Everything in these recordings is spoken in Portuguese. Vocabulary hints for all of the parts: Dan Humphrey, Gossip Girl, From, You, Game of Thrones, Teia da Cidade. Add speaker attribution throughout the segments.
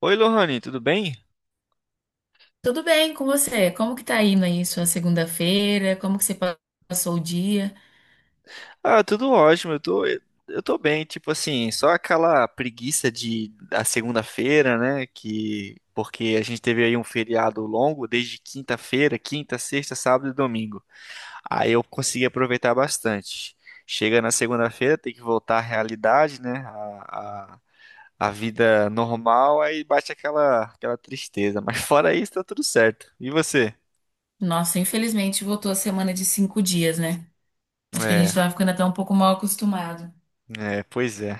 Speaker 1: Oi, Lohane, tudo bem?
Speaker 2: Tudo bem com você? Como que tá indo aí sua segunda-feira? Como que você passou o dia?
Speaker 1: Ah, tudo ótimo, eu tô bem, tipo assim, só aquela preguiça de da segunda-feira, né, que porque a gente teve aí um feriado longo desde quinta-feira, quinta, sexta, sábado e domingo. Aí eu consegui aproveitar bastante. Chega na segunda-feira, tem que voltar à realidade, né, a vida normal, aí bate aquela tristeza, mas fora isso tá tudo certo. E você?
Speaker 2: Nossa, infelizmente voltou a semana de 5 dias, né? Acho que a gente
Speaker 1: É,
Speaker 2: tava ficando até um pouco mal acostumado.
Speaker 1: pois é.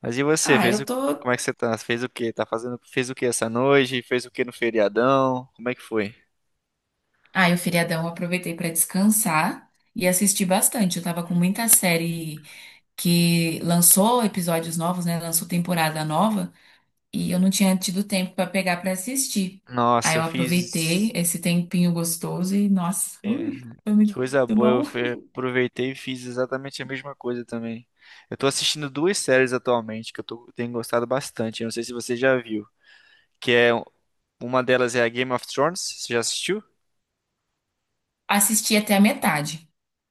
Speaker 1: Mas e você,
Speaker 2: Ah, eu tô.
Speaker 1: como é que você tá? Fez o quê? Fez o quê essa noite? Fez o quê no feriadão? Como é que foi?
Speaker 2: Ah, eu feriadão eu aproveitei pra descansar e assistir bastante. Eu tava com muita série que lançou episódios novos, né? Lançou temporada nova e eu não tinha tido tempo pra pegar pra assistir. Aí
Speaker 1: Nossa,
Speaker 2: eu
Speaker 1: eu
Speaker 2: aproveitei
Speaker 1: fiz...
Speaker 2: esse tempinho gostoso e, nossa,
Speaker 1: É,
Speaker 2: ui, foi
Speaker 1: que
Speaker 2: muito
Speaker 1: coisa boa,
Speaker 2: bom.
Speaker 1: aproveitei e fiz exatamente a mesma coisa também. Eu tô assistindo duas séries atualmente tenho gostado bastante, eu não sei se você já viu. Que é... um, Uma delas é a Game of Thrones, você já assistiu?
Speaker 2: Assisti até a metade.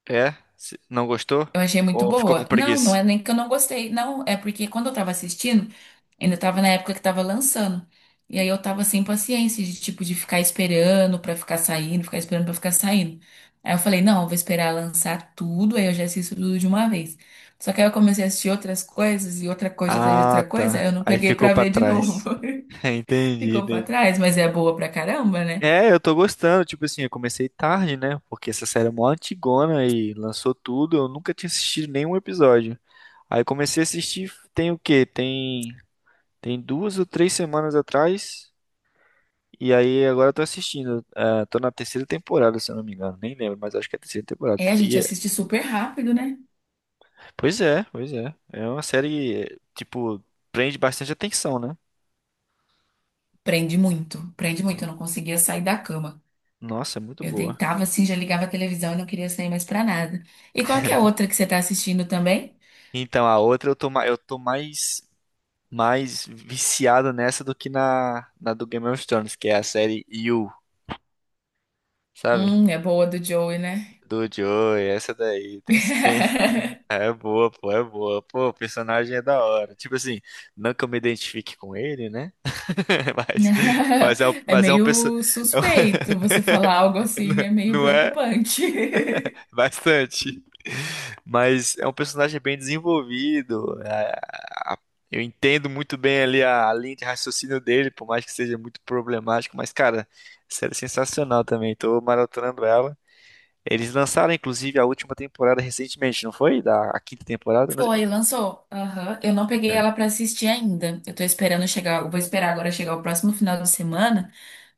Speaker 1: É? Não gostou?
Speaker 2: Eu achei muito
Speaker 1: Ou ficou com
Speaker 2: boa. Não, não
Speaker 1: preguiça?
Speaker 2: é nem que eu não gostei. Não, é porque quando eu tava assistindo, ainda tava na época que tava lançando. E aí eu tava sem paciência de tipo de ficar esperando pra ficar saindo, ficar esperando pra ficar saindo. Aí eu falei, não, eu vou esperar lançar tudo, aí eu já assisto tudo de uma vez. Só que aí eu comecei a assistir outras coisas e outra coisa atrás de
Speaker 1: Ah,
Speaker 2: outra coisa, aí
Speaker 1: tá.
Speaker 2: eu não
Speaker 1: Aí
Speaker 2: peguei
Speaker 1: ficou
Speaker 2: pra
Speaker 1: pra
Speaker 2: ver de novo.
Speaker 1: trás. Entendi,
Speaker 2: Ficou pra
Speaker 1: entendi.
Speaker 2: trás, mas é boa pra caramba, né?
Speaker 1: É, eu tô gostando. Tipo assim, eu comecei tarde, né? Porque essa série é mó antigona e lançou tudo. Eu nunca tinha assistido nenhum episódio. Aí comecei a assistir, tem o quê? Tem duas ou três semanas atrás. E aí agora eu tô assistindo. É, tô na terceira temporada, se eu não me engano. Nem lembro, mas acho que é a terceira temporada.
Speaker 2: É, a gente assiste super rápido, né?
Speaker 1: Pois é, pois é. É uma série, é, tipo, prende bastante atenção, né?
Speaker 2: Prende muito, prende muito. Eu não conseguia sair da cama.
Speaker 1: Nossa, é muito
Speaker 2: Eu
Speaker 1: boa.
Speaker 2: deitava assim, já ligava a televisão e não queria sair mais pra nada. E qual que é a outra que você tá assistindo também?
Speaker 1: Então, a outra eu tô mais. Mais viciado nessa do que na, na do Game of Thrones, que é a série You, sabe?
Speaker 2: É boa do Joey, né?
Speaker 1: Do Joey, essa daí. Tem esse tem. É boa. Pô, o personagem é da hora. Tipo assim, não que eu me identifique com ele, né? Mas, mas é,
Speaker 2: É
Speaker 1: mas é uma pessoa.
Speaker 2: meio
Speaker 1: é um-
Speaker 2: suspeito você falar algo assim, é meio
Speaker 1: não é.
Speaker 2: preocupante.
Speaker 1: Bastante. Mas é um personagem bem desenvolvido. É, a- eu entendo muito bem ali a linha de raciocínio dele, por mais que seja muito problemático. Mas, cara, a série é sensacional também. Tô maratonando ela. Eles lançaram, inclusive, a última temporada recentemente, não foi? Da A quinta temporada? Não sei.
Speaker 2: Foi, lançou. Aham. Eu não peguei
Speaker 1: É.
Speaker 2: ela pra assistir ainda. Eu tô esperando chegar, eu vou esperar agora chegar o próximo final de semana.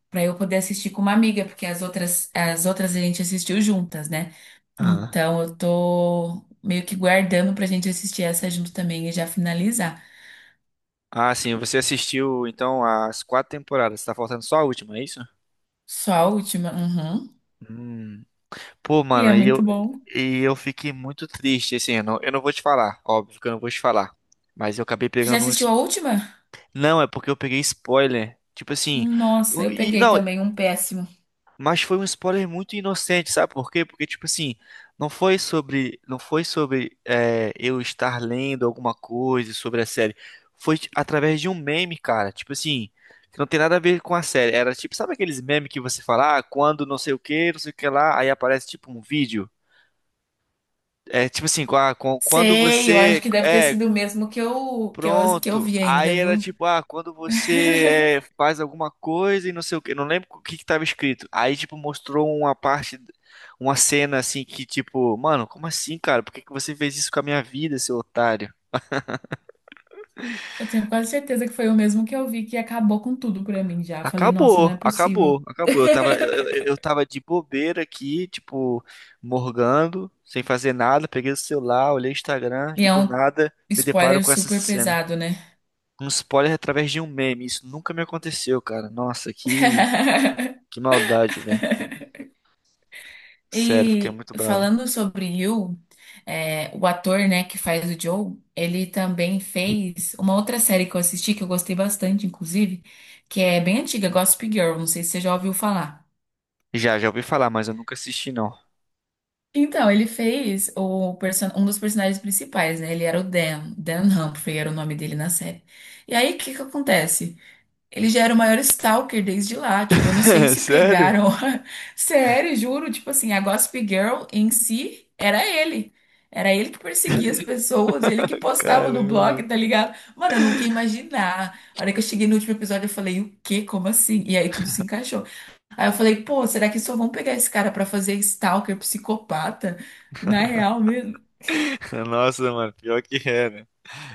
Speaker 2: Para eu poder assistir com uma amiga, porque as outras a gente assistiu juntas, né?
Speaker 1: Aham.
Speaker 2: Então eu tô meio que guardando pra gente assistir essa junto também e já finalizar.
Speaker 1: Ah, sim. Você assistiu, então, as quatro temporadas. Tá faltando só a última, é isso?
Speaker 2: Só a última. Uhum.
Speaker 1: Hum. Pô,
Speaker 2: E é
Speaker 1: mano, e
Speaker 2: muito
Speaker 1: eu,
Speaker 2: bom.
Speaker 1: e eu fiquei muito triste, assim, eu não vou te falar, óbvio que eu não vou te falar. Mas eu acabei
Speaker 2: Você já
Speaker 1: pegando
Speaker 2: assistiu
Speaker 1: uns.
Speaker 2: a última?
Speaker 1: Não, é porque eu peguei spoiler. Tipo assim.
Speaker 2: Nossa, eu peguei
Speaker 1: Não,
Speaker 2: também um péssimo.
Speaker 1: mas foi um spoiler muito inocente, sabe por quê? Porque, tipo assim, não foi sobre. Não foi sobre é, eu estar lendo alguma coisa sobre a série. Foi através de um meme, cara. Tipo assim. Que não tem nada a ver com a série. Era tipo, sabe aqueles memes que você fala, ah, quando não sei o que, não sei o que lá, aí aparece tipo um vídeo. É tipo assim, quando
Speaker 2: Sei, eu acho
Speaker 1: você.
Speaker 2: que deve ter
Speaker 1: É,
Speaker 2: sido o mesmo que eu
Speaker 1: pronto.
Speaker 2: vi
Speaker 1: Aí
Speaker 2: ainda,
Speaker 1: era
Speaker 2: viu?
Speaker 1: tipo, ah, quando você é, faz alguma coisa e não sei o quê. Não lembro o que que tava escrito. Aí, tipo, mostrou uma parte, uma cena assim que, tipo, mano, como assim, cara? Por que que você fez isso com a minha vida, seu otário?
Speaker 2: Eu tenho quase certeza que foi o mesmo que eu vi que acabou com tudo pra mim já. Falei, nossa, não é
Speaker 1: Acabou,
Speaker 2: possível.
Speaker 1: acabou, acabou. Eu tava, eu tava de bobeira aqui, tipo, morgando, sem fazer nada. Peguei o celular, olhei o Instagram
Speaker 2: E
Speaker 1: e
Speaker 2: é
Speaker 1: do
Speaker 2: um
Speaker 1: nada me deparo
Speaker 2: spoiler
Speaker 1: com essa
Speaker 2: super
Speaker 1: cena.
Speaker 2: pesado, né?
Speaker 1: Um spoiler através de um meme. Isso nunca me aconteceu, cara. Nossa, que maldade, velho. Sério, fiquei
Speaker 2: E
Speaker 1: muito bravo.
Speaker 2: falando sobre You, é, o ator, né, que faz o Joe, ele também fez uma outra série que eu assisti, que eu gostei bastante, inclusive, que é bem antiga, Gossip Girl, não sei se você já ouviu falar.
Speaker 1: Já ouvi falar, mas eu nunca assisti, não.
Speaker 2: Então, ele fez o um dos personagens principais, né? Ele era o Dan, Dan Humphrey era o nome dele na série. E aí, o que que acontece? Ele já era o maior stalker desde lá. Tipo, eu não sei se
Speaker 1: Sério?
Speaker 2: pegaram. Sério, juro. Tipo assim, a Gossip Girl em si era ele. Era ele que perseguia as pessoas, ele que postava no blog,
Speaker 1: Caramba.
Speaker 2: tá ligado? Mano, eu nunca ia imaginar. A hora que eu cheguei no último episódio, eu falei, o quê? Como assim? E aí tudo se encaixou. Aí eu falei, pô, será que só vão pegar esse cara pra fazer stalker, psicopata? Na real mesmo.
Speaker 1: Nossa, mano, pior que é, né?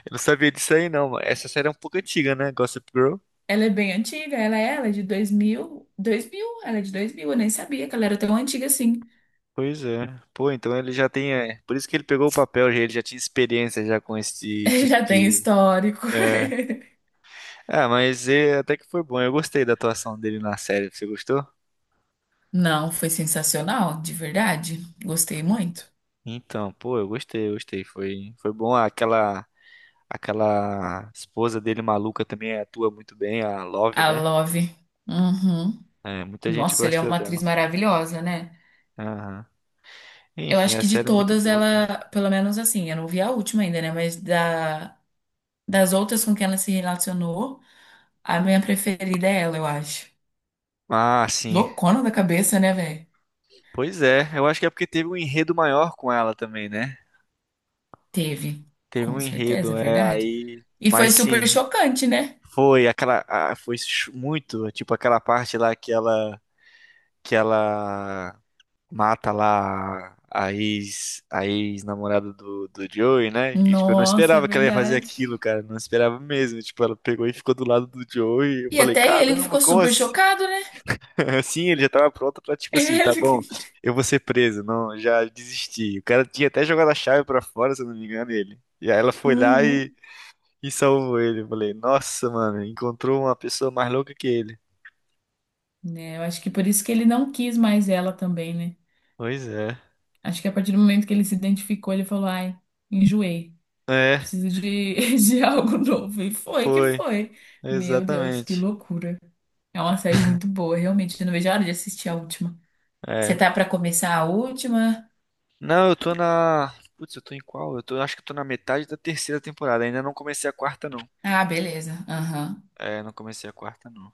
Speaker 1: Eu não sabia disso aí, não, mano. Essa série é um pouco antiga, né? Gossip Girl.
Speaker 2: Ela é bem antiga, ela é de 2000. 2000? Ela é de 2000, eu nem sabia que ela era tão antiga assim.
Speaker 1: Pois é. Pô, então ele já tem. É, por isso que ele pegou o papel, ele já tinha experiência já com esse tipo
Speaker 2: Já tem
Speaker 1: de.
Speaker 2: histórico.
Speaker 1: É. Ah, mas é, até que foi bom. Eu gostei da atuação dele na série. Você gostou?
Speaker 2: Não, foi sensacional, de verdade. Gostei muito.
Speaker 1: Então, pô, eu gostei. Foi, foi bom. Aquela esposa dele maluca também atua muito bem, a Love,
Speaker 2: A
Speaker 1: né?
Speaker 2: Love. Uhum.
Speaker 1: É, muita gente
Speaker 2: Nossa, ele é
Speaker 1: gosta
Speaker 2: uma atriz
Speaker 1: dela.
Speaker 2: maravilhosa, né?
Speaker 1: Aham.
Speaker 2: Eu
Speaker 1: Enfim,
Speaker 2: acho
Speaker 1: a
Speaker 2: que de
Speaker 1: série é muito
Speaker 2: todas
Speaker 1: boa, cara.
Speaker 2: ela, pelo menos assim, eu não vi a última ainda, né? Mas da, das outras com quem ela se relacionou, a minha preferida é ela, eu acho.
Speaker 1: Ah, sim.
Speaker 2: Loucona da cabeça, né, velho?
Speaker 1: Pois é, eu acho que é porque teve um enredo maior com ela também, né?
Speaker 2: Teve.
Speaker 1: Teve um
Speaker 2: Com certeza,
Speaker 1: enredo,
Speaker 2: é
Speaker 1: é,
Speaker 2: verdade.
Speaker 1: aí.
Speaker 2: E foi
Speaker 1: Mas
Speaker 2: super
Speaker 1: sim,
Speaker 2: chocante, né?
Speaker 1: foi aquela. Ah, muito, tipo, aquela parte lá que ela. Que ela mata lá a ex, a ex-namorada do, do Joey, né? E, tipo, eu não
Speaker 2: Nossa, é
Speaker 1: esperava que ela ia fazer
Speaker 2: verdade.
Speaker 1: aquilo, cara. Não esperava mesmo. Tipo, ela pegou e ficou do lado do Joey. Eu
Speaker 2: E
Speaker 1: falei,
Speaker 2: até ele
Speaker 1: caramba,
Speaker 2: ficou
Speaker 1: como
Speaker 2: super
Speaker 1: assim?
Speaker 2: chocado, né?
Speaker 1: Assim, ele já tava pronto pra, tipo assim, tá bom,
Speaker 2: Ele.
Speaker 1: eu vou ser preso. Não, já desisti. O cara tinha até jogado a chave pra fora, se eu não me engano, ele. E aí ela foi lá
Speaker 2: Uhum.
Speaker 1: e salvou ele. Eu falei, nossa, mano, encontrou uma pessoa mais louca que ele.
Speaker 2: Né? Eu acho que por isso que ele não quis mais ela também, né?
Speaker 1: Pois é.
Speaker 2: Acho que a partir do momento que ele se identificou, ele falou, ai, enjoei,
Speaker 1: É,
Speaker 2: preciso de, de algo novo. E foi que
Speaker 1: foi.
Speaker 2: foi. Meu Deus, que
Speaker 1: Exatamente.
Speaker 2: loucura. É uma série muito boa, realmente. Eu não vejo a hora de assistir a última. Você
Speaker 1: É.
Speaker 2: tá pra começar a última?
Speaker 1: Não, eu tô na. Putz, eu tô em qual? Eu tô, acho que eu tô na metade da terceira temporada. Ainda não comecei a quarta, não.
Speaker 2: Ah, beleza. Aham.
Speaker 1: É, não comecei a quarta, não.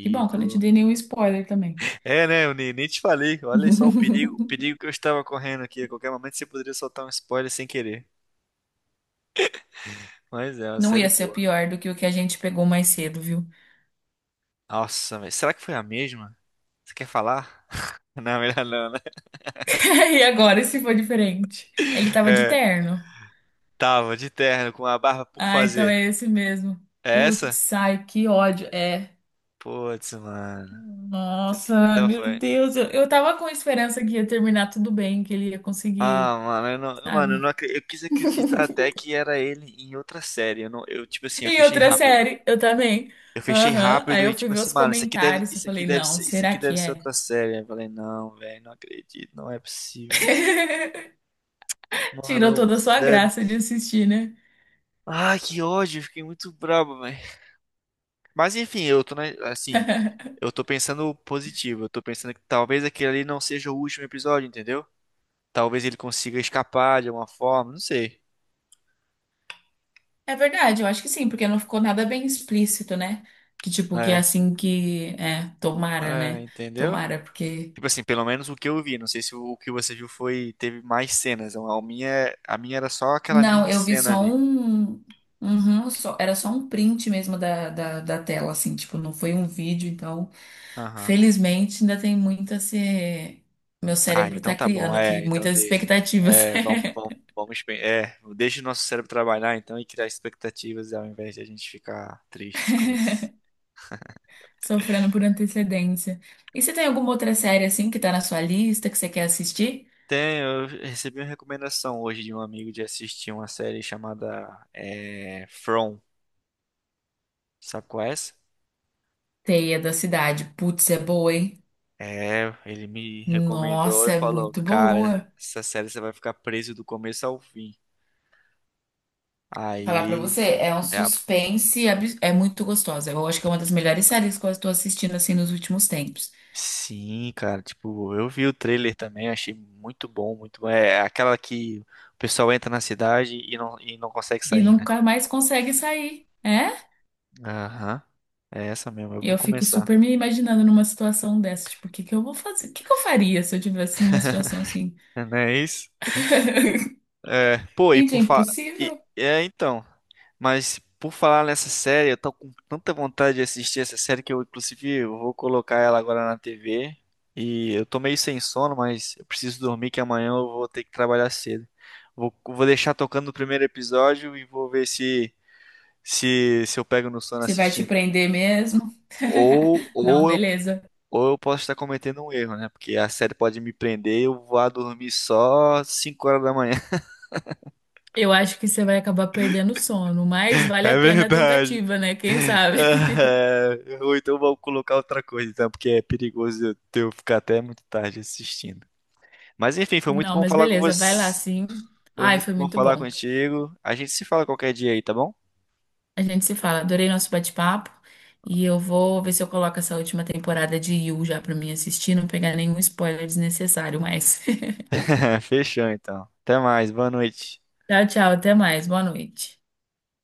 Speaker 2: Que bom que eu não te
Speaker 1: tô.
Speaker 2: dei nenhum spoiler também.
Speaker 1: É, né? Eu nem te falei. Olha só o perigo que eu estava correndo aqui. A qualquer momento você poderia soltar um spoiler sem querer. Mas é uma
Speaker 2: Não
Speaker 1: série
Speaker 2: ia ser
Speaker 1: boa.
Speaker 2: pior do que o que a gente pegou mais cedo, viu?
Speaker 1: Nossa, velho. Será que foi a mesma? Você quer falar? Não, melhor não, né?
Speaker 2: E agora, se for diferente? Ele tava de
Speaker 1: É,
Speaker 2: terno.
Speaker 1: tava de terno com a barba por
Speaker 2: Ah, então
Speaker 1: fazer.
Speaker 2: é esse mesmo.
Speaker 1: É essa?
Speaker 2: Putz, ai, que ódio. É.
Speaker 1: Putz, mano.
Speaker 2: Nossa,
Speaker 1: Então
Speaker 2: meu
Speaker 1: foi.
Speaker 2: Deus. Eu tava com esperança que ia terminar tudo bem, que ele ia conseguir,
Speaker 1: Ah, mano, eu
Speaker 2: sabe?
Speaker 1: não acre- eu quis acreditar até que era ele em outra série. Eu não, eu tipo assim, eu
Speaker 2: Em
Speaker 1: fechei
Speaker 2: outra
Speaker 1: rápido.
Speaker 2: série, eu também.
Speaker 1: Eu fechei
Speaker 2: Aham. Aí
Speaker 1: rápido e
Speaker 2: eu fui
Speaker 1: tipo
Speaker 2: ver
Speaker 1: assim,
Speaker 2: os
Speaker 1: mano,
Speaker 2: comentários. Eu falei, não,
Speaker 1: isso
Speaker 2: será
Speaker 1: aqui deve
Speaker 2: que
Speaker 1: ser
Speaker 2: é?
Speaker 1: outra série. Aí eu falei, não, velho, não acredito, não é possível.
Speaker 2: Tirou
Speaker 1: Mano,
Speaker 2: toda a sua
Speaker 1: sério.
Speaker 2: graça de assistir, né?
Speaker 1: Ai, que ódio, eu fiquei muito brabo, velho. Mas enfim, eu tô, né, assim, eu tô pensando positivo. Eu tô pensando que talvez aquele ali não seja o último episódio, entendeu? Talvez ele consiga escapar de alguma forma, não sei.
Speaker 2: É verdade, eu acho que sim, porque não ficou nada bem explícito, né? Que tipo, que é
Speaker 1: É,
Speaker 2: assim que. É, tomara, né?
Speaker 1: entendeu?
Speaker 2: Tomara, porque.
Speaker 1: Tipo assim, pelo menos o que eu vi, não sei se o que você viu foi, teve mais cenas. A minha era só aquela
Speaker 2: Não,
Speaker 1: mini
Speaker 2: eu vi
Speaker 1: cena
Speaker 2: só
Speaker 1: ali.
Speaker 2: um. Uhum, era só um print mesmo da tela, assim, tipo, não foi um vídeo, então,
Speaker 1: Aham.
Speaker 2: felizmente ainda tem muito a ser. Meu
Speaker 1: Ah,
Speaker 2: cérebro
Speaker 1: então
Speaker 2: tá
Speaker 1: tá bom.
Speaker 2: criando aqui
Speaker 1: É, então
Speaker 2: muitas
Speaker 1: deixa.
Speaker 2: expectativas,
Speaker 1: É, deixa o nosso cérebro trabalhar então e criar expectativas ao invés de a gente ficar triste com isso.
Speaker 2: sofrendo por antecedência. E você tem alguma outra série, assim, que tá na sua lista, que você quer assistir?
Speaker 1: Tem, eu recebi uma recomendação hoje de um amigo de assistir uma série chamada From. Sabe qual é essa?
Speaker 2: Teia da Cidade. Putz, é boa, hein?
Speaker 1: É, ele me recomendou
Speaker 2: Nossa,
Speaker 1: e
Speaker 2: é
Speaker 1: falou,
Speaker 2: muito
Speaker 1: cara,
Speaker 2: boa.
Speaker 1: essa série você vai ficar preso do começo ao fim.
Speaker 2: Falar pra
Speaker 1: Aí,
Speaker 2: você, é um
Speaker 1: é a-
Speaker 2: suspense, é muito gostosa. Eu acho que é uma das melhores séries que eu estou assistindo assim nos últimos tempos.
Speaker 1: sim, cara, tipo, eu vi o trailer também, achei muito bom. É é aquela que o pessoal entra na cidade e não consegue
Speaker 2: E
Speaker 1: sair, né?
Speaker 2: nunca mais consegue sair, é?
Speaker 1: Aham, é essa mesmo, eu
Speaker 2: E
Speaker 1: vou
Speaker 2: eu fico
Speaker 1: começar.
Speaker 2: super me imaginando numa situação dessa, tipo, o que que eu vou fazer? O que que eu faria se eu tivesse numa situação assim?
Speaker 1: Não é isso? É, pô, e
Speaker 2: Gente, é
Speaker 1: por falar.
Speaker 2: impossível.
Speaker 1: É, então. Mas por falar nessa série, eu tô com tanta vontade de assistir essa série que eu, inclusive, eu vou colocar ela agora na TV. E eu tô meio sem sono, mas eu preciso dormir que amanhã eu vou ter que trabalhar cedo. Vou deixar tocando o primeiro episódio e vou ver se eu pego no sono
Speaker 2: Você vai te
Speaker 1: assistindo.
Speaker 2: prender mesmo?
Speaker 1: Ou,
Speaker 2: Não,
Speaker 1: ou eu,
Speaker 2: beleza.
Speaker 1: ou eu posso estar cometendo um erro, né? Porque a série pode me prender e eu vou lá dormir só 5 horas da manhã.
Speaker 2: Eu acho que você vai acabar perdendo o sono, mas vale
Speaker 1: É
Speaker 2: a pena a
Speaker 1: verdade.
Speaker 2: tentativa, né? Quem sabe?
Speaker 1: Ah, ou então vamos colocar outra coisa, então, porque é perigoso eu ficar até muito tarde assistindo. Mas enfim, foi muito
Speaker 2: Não,
Speaker 1: bom
Speaker 2: mas
Speaker 1: falar com
Speaker 2: beleza, vai lá
Speaker 1: você.
Speaker 2: sim.
Speaker 1: Foi
Speaker 2: Ai,
Speaker 1: muito
Speaker 2: foi
Speaker 1: bom
Speaker 2: muito
Speaker 1: falar
Speaker 2: bom.
Speaker 1: contigo. A gente se fala qualquer dia aí, tá bom?
Speaker 2: A gente se fala. Adorei nosso bate-papo. E eu vou ver se eu coloco essa última temporada de You já pra mim assistir, não pegar nenhum spoiler desnecessário mais.
Speaker 1: Fechou então. Até mais, boa noite.
Speaker 2: Tchau, tchau. Até mais. Boa noite.